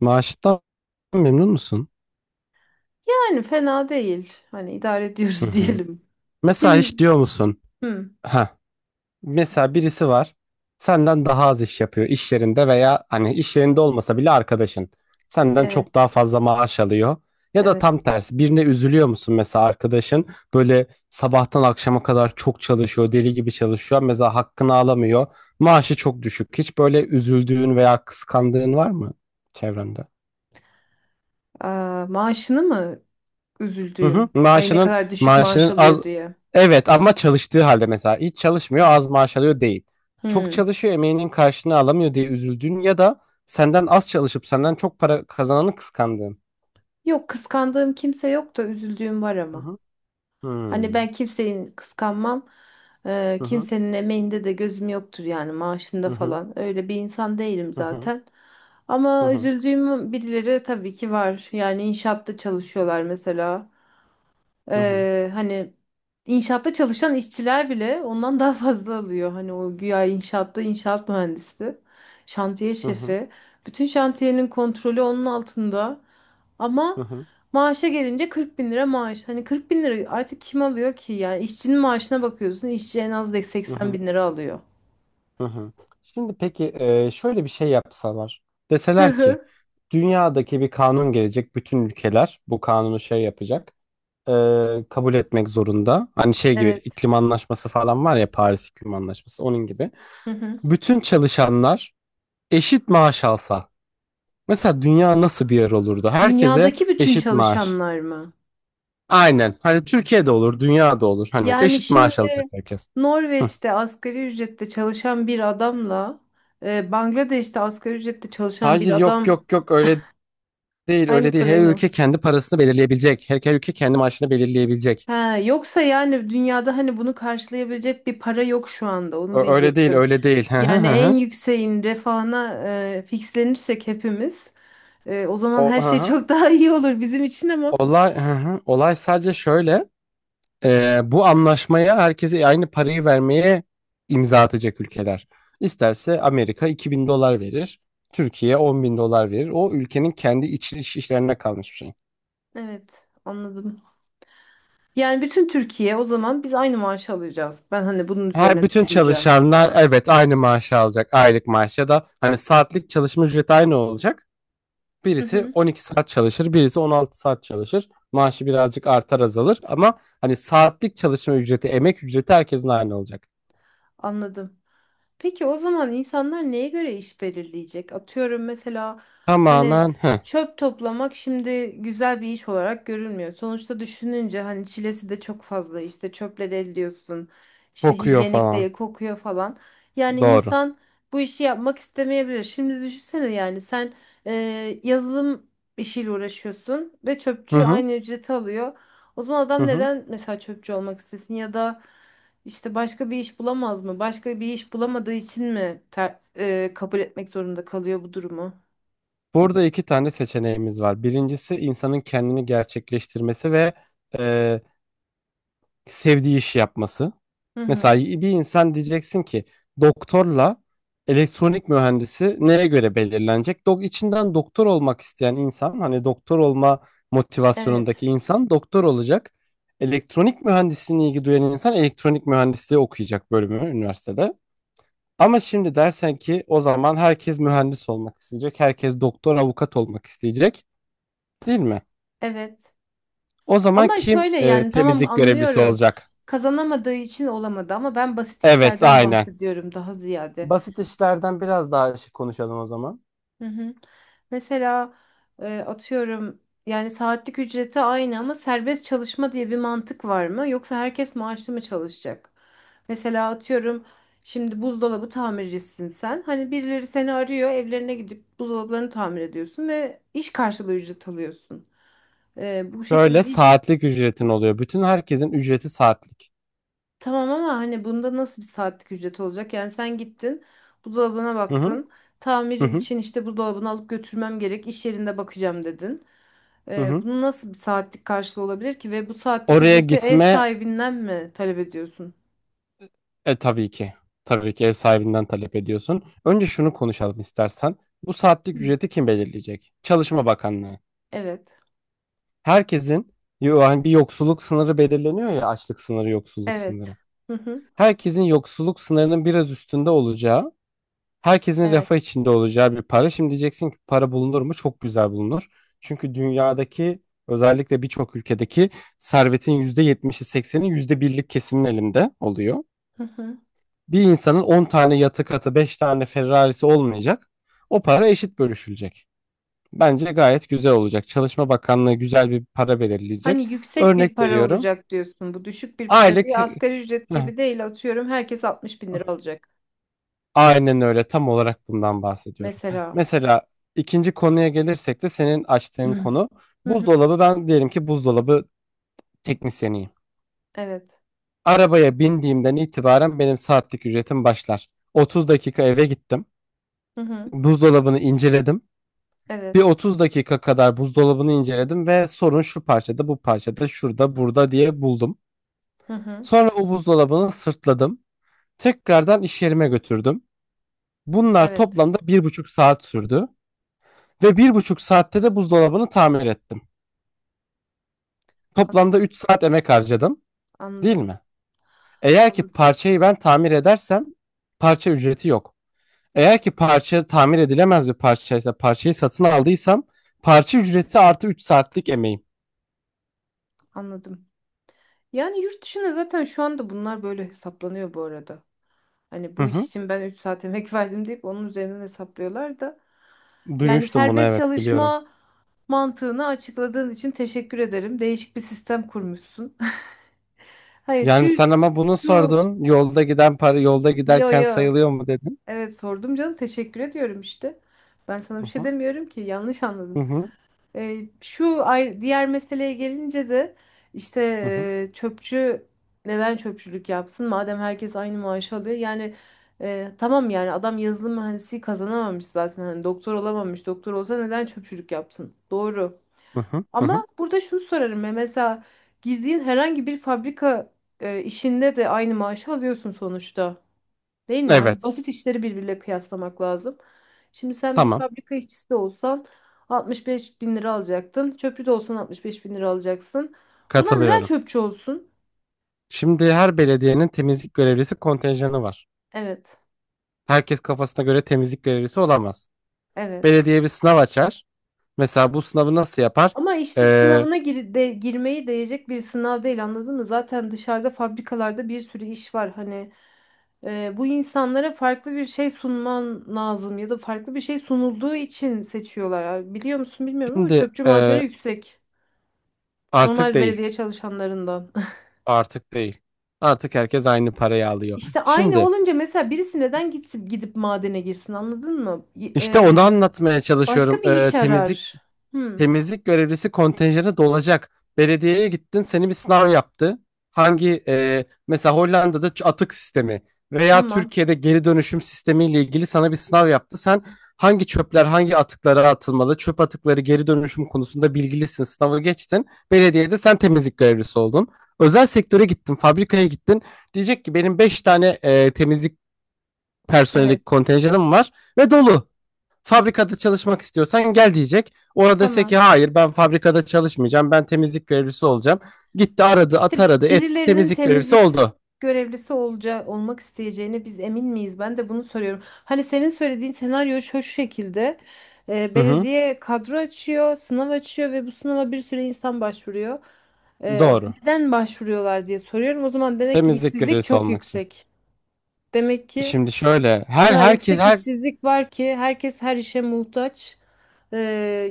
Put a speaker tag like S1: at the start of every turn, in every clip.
S1: Maaştan memnun musun?
S2: Yani fena değil. Hani idare
S1: Hı
S2: ediyoruz
S1: hı.
S2: diyelim.
S1: Mesela hiç
S2: Kim?
S1: diyor musun?
S2: Hı,
S1: Ha. Mesela birisi var. Senden daha az iş yapıyor iş yerinde veya hani iş yerinde olmasa bile arkadaşın. Senden çok daha
S2: evet,
S1: fazla maaş alıyor. Ya da tam
S2: evet.
S1: tersi birine üzülüyor musun? Mesela arkadaşın böyle sabahtan akşama kadar çok çalışıyor, deli gibi çalışıyor, mesela hakkını alamıyor, maaşı çok düşük. Hiç böyle üzüldüğün veya kıskandığın var mı çevrende?
S2: Aa, maaşını mı
S1: Hı hı.
S2: üzüldüğüm? Ay ne
S1: Maaşının
S2: kadar düşük maaş
S1: maaşının az,
S2: alıyor diye.
S1: evet, ama çalıştığı halde. Mesela hiç çalışmıyor, az maaş alıyor değil. Çok
S2: Hı.
S1: çalışıyor, emeğinin karşılığını alamıyor diye üzüldüğün, ya da senden az çalışıp senden çok para kazananı kıskandığın.
S2: Yok kıskandığım kimse yok da üzüldüğüm var
S1: Hı
S2: ama.
S1: hı.
S2: Hani
S1: Hmm.
S2: ben kimseyi kıskanmam.
S1: Hı hı.
S2: Kimsenin emeğinde de gözüm yoktur yani maaşında
S1: Hı hı.
S2: falan. Öyle bir insan değilim
S1: Hı hı.
S2: zaten.
S1: Hı
S2: Ama
S1: hı.
S2: üzüldüğüm birileri tabii ki var. Yani inşaatta çalışıyorlar mesela.
S1: Hı hı.
S2: Hani inşaatta çalışan işçiler bile ondan daha fazla alıyor. Hani o güya inşaatta inşaat mühendisi, şantiye
S1: Hı hı.
S2: şefi. Bütün şantiyenin kontrolü onun altında.
S1: Hı
S2: Ama
S1: hı.
S2: maaşa gelince 40 bin lira maaş. Hani 40 bin lira artık kim alıyor ki? Yani işçinin maaşına bakıyorsun. İşçi en az da
S1: Hı
S2: 80
S1: hı.
S2: bin lira alıyor.
S1: Hı hı. Şimdi peki, şöyle bir şey yapsalar.
S2: Hı
S1: Deseler ki
S2: hı.
S1: dünyadaki bir kanun gelecek, bütün ülkeler bu kanunu şey yapacak, kabul etmek zorunda. Hani şey gibi,
S2: Evet.
S1: iklim anlaşması falan var ya, Paris İklim Anlaşması onun gibi.
S2: Hı hı.
S1: Bütün çalışanlar eşit maaş alsa mesela, dünya nasıl bir yer olurdu? Herkese
S2: Dünyadaki bütün
S1: eşit maaş.
S2: çalışanlar mı?
S1: Aynen. Hani Türkiye'de olur, dünyada olur. Hani
S2: Yani
S1: eşit maaş alacak
S2: şimdi
S1: herkes. Hı.
S2: Norveç'te asgari ücrette çalışan bir adamla Bangladeş'te asgari ücrette çalışan bir
S1: Hayır, yok
S2: adam
S1: yok yok, öyle değil,
S2: aynı
S1: öyle değil.
S2: parayı
S1: Her
S2: mı?
S1: ülke kendi parasını belirleyebilecek. Her ülke kendi maaşını belirleyebilecek.
S2: Ha, yoksa yani dünyada hani bunu karşılayabilecek bir para yok şu anda onu
S1: Öyle değil,
S2: diyecektim.
S1: öyle değil. Hı hı
S2: Yani
S1: hı.
S2: en
S1: Hı.
S2: yükseğin refahına fixlenirsek hepimiz, o zaman her
S1: Hı
S2: şey
S1: hı.
S2: çok daha iyi olur bizim için ama
S1: Hı hı. Olay sadece şöyle. Bu anlaşmaya, herkese aynı parayı vermeye imza atacak ülkeler. İsterse Amerika 2.000 dolar verir. Türkiye 10 bin dolar verir. O ülkenin kendi iç işlerine kalmış bir şey.
S2: evet, anladım. Yani bütün Türkiye o zaman biz aynı maaşı alacağız. Ben hani bunun
S1: Her
S2: üzerine
S1: bütün
S2: düşüneceğim.
S1: çalışanlar, evet, aynı maaşı alacak. Aylık maaş ya da hani saatlik çalışma ücreti aynı olacak.
S2: Hı
S1: Birisi
S2: hı,
S1: 12 saat çalışır, birisi 16 saat çalışır. Maaşı birazcık artar azalır, ama hani saatlik çalışma ücreti, emek ücreti herkesin aynı olacak.
S2: anladım. Peki o zaman insanlar neye göre iş belirleyecek? Atıyorum mesela hani
S1: Tamamen, heh,
S2: çöp toplamak şimdi güzel bir iş olarak görülmüyor. Sonuçta düşününce hani çilesi de çok fazla, işte çöple de ediyorsun. İşte
S1: kokuyor
S2: hijyenik
S1: falan.
S2: değil, kokuyor falan. Yani
S1: Doğru.
S2: insan bu işi yapmak istemeyebilir. Şimdi düşünsene, yani sen yazılım işiyle uğraşıyorsun ve
S1: Hı
S2: çöpçü
S1: hı.
S2: aynı ücreti alıyor. O zaman
S1: Hı
S2: adam
S1: hı.
S2: neden mesela çöpçü olmak istesin ya da işte başka bir iş bulamaz mı? Başka bir iş bulamadığı için mi kabul etmek zorunda kalıyor bu durumu?
S1: Burada iki tane seçeneğimiz var. Birincisi, insanın kendini gerçekleştirmesi ve e, sevdiği işi yapması.
S2: Hı
S1: Mesela
S2: hı.
S1: bir insan, diyeceksin ki, doktorla elektronik mühendisi neye göre belirlenecek? İçinden doktor olmak isteyen insan, hani doktor olma motivasyonundaki
S2: Evet.
S1: insan doktor olacak. Elektronik mühendisliğine ilgi duyan insan elektronik mühendisliği okuyacak bölümü üniversitede. Ama şimdi dersen ki, o zaman herkes mühendis olmak isteyecek, herkes doktor, avukat olmak isteyecek, değil mi?
S2: Evet.
S1: O zaman
S2: Ama
S1: kim
S2: şöyle, yani tamam,
S1: temizlik görevlisi
S2: anlıyorum.
S1: olacak?
S2: Kazanamadığı için olamadı, ama ben basit
S1: Evet,
S2: işlerden
S1: aynen.
S2: bahsediyorum daha ziyade.
S1: Basit işlerden biraz daha şey konuşalım o zaman.
S2: Hı hı. Mesela atıyorum, yani saatlik ücreti aynı ama serbest çalışma diye bir mantık var mı? Yoksa herkes maaşlı mı çalışacak? Mesela atıyorum şimdi buzdolabı tamircisisin sen. Hani birileri seni arıyor, evlerine gidip buzdolaplarını tamir ediyorsun ve iş karşılığı ücret alıyorsun. Bu şekilde
S1: Şöyle,
S2: iş
S1: saatlik ücretin oluyor. Bütün herkesin ücreti saatlik.
S2: tamam, ama hani bunda nasıl bir saatlik ücret olacak? Yani sen gittin, buzdolabına
S1: Hı hı,
S2: baktın. Tamir
S1: hı hı,
S2: için işte buzdolabını alıp götürmem gerek, iş yerinde bakacağım, dedin.
S1: hı hı.
S2: Bunun nasıl bir saatlik karşılığı olabilir ki, ve bu saatlik
S1: Oraya
S2: ücreti ev
S1: gitme,
S2: sahibinden mi talep ediyorsun?
S1: tabii ki. Tabii ki ev sahibinden talep ediyorsun. Önce şunu konuşalım istersen. Bu saatlik
S2: Hı.
S1: ücreti kim belirleyecek? Çalışma Bakanlığı.
S2: Evet.
S1: Herkesin, yani bir yoksulluk sınırı belirleniyor ya, açlık sınırı, yoksulluk
S2: Evet.
S1: sınırı.
S2: Hı hı.
S1: Herkesin yoksulluk sınırının biraz üstünde olacağı, herkesin refah
S2: Evet.
S1: içinde olacağı bir para. Şimdi diyeceksin ki, para bulunur mu? Çok güzel bulunur. Çünkü dünyadaki, özellikle birçok ülkedeki servetin %70'i yüzde birlik kesimin elinde oluyor.
S2: Hı hı.
S1: Bir insanın 10 tane yatı katı, 5 tane Ferrari'si olmayacak. O para eşit bölüşülecek. Bence gayet güzel olacak. Çalışma Bakanlığı güzel bir para belirleyecek.
S2: Hani yüksek
S1: Örnek
S2: bir para
S1: veriyorum.
S2: olacak diyorsun. Bu düşük bir para
S1: Aylık
S2: değil.
S1: Heh,
S2: Asgari ücret gibi değil. Atıyorum herkes 60 bin lira alacak.
S1: Aynen öyle, tam olarak bundan bahsediyorum.
S2: Mesela.
S1: Mesela ikinci konuya gelirsek de, senin açtığın konu,
S2: Hı hı.
S1: buzdolabı, ben diyelim ki buzdolabı teknisyeniyim.
S2: Evet.
S1: Arabaya bindiğimden itibaren benim saatlik ücretim başlar. 30 dakika eve gittim.
S2: Hı hı.
S1: Buzdolabını inceledim. Bir
S2: Evet.
S1: 30 dakika kadar buzdolabını inceledim ve sorun şu parçada, bu parçada, şurada, burada diye buldum.
S2: Hı hı.
S1: Sonra o buzdolabını sırtladım. Tekrardan iş yerime götürdüm. Bunlar
S2: Evet.
S1: toplamda 1,5 saat sürdü. Ve 1,5 saatte de buzdolabını tamir ettim. Toplamda
S2: Anladım.
S1: 3 saat emek harcadım, değil
S2: Anladım.
S1: mi? Eğer ki
S2: Anladım.
S1: parçayı ben tamir edersem parça ücreti yok. Eğer ki parça tamir edilemez bir parçaysa, parçayı satın aldıysam, parça ücreti artı 3 saatlik emeğim.
S2: Anladım. Yani yurt dışında zaten şu anda bunlar böyle hesaplanıyor bu arada. Hani
S1: Hı
S2: bu iş
S1: hı.
S2: için ben 3 saat emek verdim deyip onun üzerinden hesaplıyorlar da. Yani
S1: Duymuştum bunu,
S2: serbest
S1: evet, biliyorum.
S2: çalışma mantığını açıkladığın için teşekkür ederim. Değişik bir sistem kurmuşsun. Hayır, şu
S1: Yani sen ama bunu
S2: şu
S1: sordun. Yolda giden para yolda
S2: yo,
S1: giderken
S2: yo.
S1: sayılıyor mu dedin?
S2: Evet, sordum canım. Teşekkür ediyorum işte. Ben sana
S1: Hı
S2: bir şey
S1: hı.
S2: demiyorum ki. Yanlış
S1: Hı
S2: anladın.
S1: hı.
S2: Şu ay- diğer meseleye gelince de işte,
S1: Hı hı.
S2: çöpçü neden çöpçülük yapsın madem herkes aynı maaşı alıyor, yani tamam, yani adam yazılım mühendisliği kazanamamış zaten, hani doktor olamamış, doktor olsa neden çöpçülük yapsın, doğru.
S1: Hı hı. Hı hı.
S2: Ama burada şunu sorarım ya, mesela girdiğin herhangi bir fabrika işinde de aynı maaşı alıyorsun sonuçta. Değil mi? Hani
S1: Evet.
S2: basit işleri birbiriyle kıyaslamak lazım. Şimdi sen bir
S1: Tamam.
S2: fabrika işçisi de olsan 65 bin lira alacaktın. Çöpçü de olsan 65 bin lira alacaksın. O zaman neden
S1: Katılıyorum.
S2: çöpçü olsun?
S1: Şimdi her belediyenin temizlik görevlisi kontenjanı var.
S2: Evet,
S1: Herkes kafasına göre temizlik görevlisi olamaz.
S2: evet.
S1: Belediye bir sınav açar. Mesela bu sınavı nasıl yapar?
S2: Ama işte
S1: Ee,
S2: sınavına gir de, girmeyi değecek bir sınav değil, anladın mı? Zaten dışarıda fabrikalarda bir sürü iş var. Hani bu insanlara farklı bir şey sunman lazım, ya da farklı bir şey sunulduğu için seçiyorlar. Yani biliyor musun bilmiyorum, ama
S1: şimdi
S2: çöpçü maaşları
S1: e,
S2: yüksek.
S1: Artık
S2: Normal
S1: değil.
S2: belediye çalışanlarından.
S1: Artık değil. Artık herkes aynı parayı alıyor.
S2: İşte aynı
S1: Şimdi
S2: olunca mesela birisi neden gitsin, gidip madene girsin, anladın mı?
S1: işte onu anlatmaya çalışıyorum.
S2: Başka bir iş arar. Hmm,
S1: Temizlik görevlisi kontenjanı dolacak. Belediyeye gittin, seni bir sınav yaptı. Hangi mesela Hollanda'da atık sistemi veya
S2: tamam.
S1: Türkiye'de geri dönüşüm sistemiyle ilgili sana bir sınav yaptı. Sen, hangi çöpler hangi atıklara atılmalı, çöp atıkları geri dönüşüm konusunda bilgilisin. Sınavı geçtin. Belediyede sen temizlik görevlisi oldun. Özel sektöre gittin, fabrikaya gittin. Diyecek ki, benim 5 tane temizlik personeli
S2: Evet.
S1: kontenjanım var ve dolu, fabrikada çalışmak istiyorsan gel diyecek. Orada dese ki
S2: Tamam.
S1: hayır, ben fabrikada çalışmayacağım, ben temizlik görevlisi olacağım. Gitti aradı at
S2: İşte
S1: aradı etti,
S2: birilerinin
S1: temizlik görevlisi
S2: temizlik
S1: oldu.
S2: görevlisi olacağı, olmak isteyeceğine biz emin miyiz? Ben de bunu soruyorum. Hani senin söylediğin senaryo şu şekilde.
S1: Hı hı,
S2: Belediye kadro açıyor, sınav açıyor ve bu sınava bir sürü insan başvuruyor.
S1: doğru.
S2: Neden başvuruyorlar diye soruyorum. O zaman demek ki
S1: Temizlik
S2: işsizlik
S1: görevlisi
S2: çok
S1: olmak için.
S2: yüksek. Demek ki
S1: Şimdi şöyle,
S2: o
S1: her
S2: kadar
S1: herkes
S2: yüksek
S1: her
S2: işsizlik var ki herkes her işe muhtaç. Ee,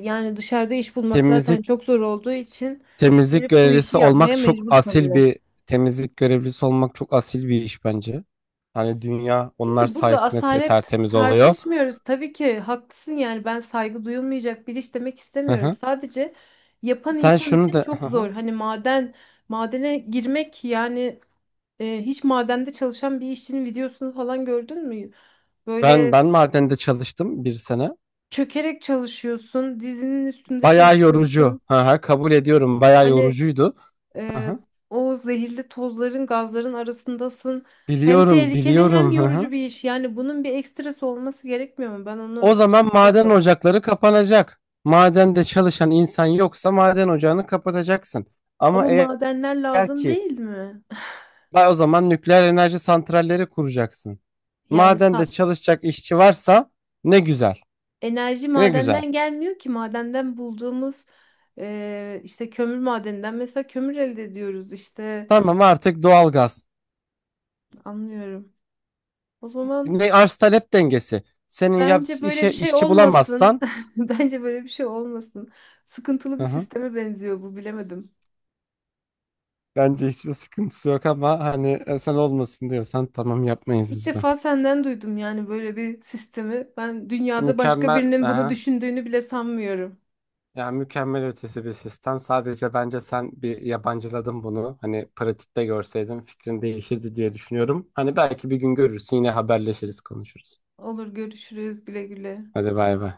S2: Yani dışarıda iş bulmak zaten
S1: temizlik
S2: çok zor olduğu için
S1: temizlik
S2: gelip bu işi
S1: görevlisi olmak
S2: yapmaya
S1: çok
S2: mecbur
S1: asil
S2: kalıyor.
S1: bir temizlik görevlisi olmak çok asil bir iş bence. Hani dünya onlar
S2: Şimdi burada
S1: sayesinde
S2: asalet
S1: tertemiz oluyor.
S2: tartışmıyoruz. Tabii ki haklısın, yani ben saygı duyulmayacak bir iş demek
S1: Hı
S2: istemiyorum.
S1: hı.
S2: Sadece yapan
S1: Sen
S2: insan
S1: şunu
S2: için
S1: da
S2: çok
S1: hı hı.
S2: zor. Hani maden, madene girmek, yani hiç madende çalışan bir işçinin videosunu falan gördün mü?
S1: Ben
S2: Böyle
S1: ben madende çalıştım bir sene.
S2: çökerek çalışıyorsun, dizinin üstünde
S1: Bayağı yorucu.
S2: çalışıyorsun.
S1: Hı hı, kabul ediyorum. Bayağı
S2: Hani
S1: yorucuydu. Hı
S2: e,
S1: hı.
S2: o zehirli tozların, gazların arasındasın. Hem
S1: Biliyorum,
S2: tehlikeli hem
S1: biliyorum. Hı hı.
S2: yorucu bir iş. Yani bunun bir ekstrası olması gerekmiyor mu? Ben
S1: O
S2: onu
S1: zaman maden
S2: çekmedim.
S1: ocakları kapanacak. Madende çalışan insan yoksa maden ocağını kapatacaksın. Ama
S2: Ama
S1: eğer
S2: madenler
S1: eğer
S2: lazım
S1: ki
S2: değil mi?
S1: Vay, o zaman nükleer enerji santralleri kuracaksın.
S2: Yani
S1: Madende
S2: sa-
S1: çalışacak işçi varsa ne güzel.
S2: enerji
S1: Ne güzel.
S2: madenden gelmiyor ki. Madenden bulduğumuz işte kömür madeninden mesela kömür elde ediyoruz işte.
S1: Tamam, artık doğalgaz.
S2: Anlıyorum. O zaman
S1: Ne arz talep dengesi. Senin yap
S2: bence böyle
S1: işe
S2: bir şey
S1: işçi
S2: olmasın.
S1: bulamazsan,
S2: Bence böyle bir şey olmasın. Sıkıntılı
S1: hı
S2: bir
S1: hı.
S2: sisteme benziyor bu, bilemedim.
S1: Bence hiçbir sıkıntısı yok, ama hani, sen olmasın diyorsan tamam, yapmayız
S2: İlk
S1: biz de.
S2: defa senden duydum yani böyle bir sistemi. Ben dünyada başka
S1: Mükemmel,
S2: birinin bunu
S1: aha.
S2: düşündüğünü bile sanmıyorum.
S1: Yani mükemmel ötesi bir sistem. Sadece bence sen bir yabancıladın bunu. Hani pratikte görseydin fikrin değişirdi diye düşünüyorum. Hani belki bir gün görürsün, yine haberleşiriz, konuşuruz.
S2: Olur, görüşürüz, güle güle.
S1: Hadi bay bay.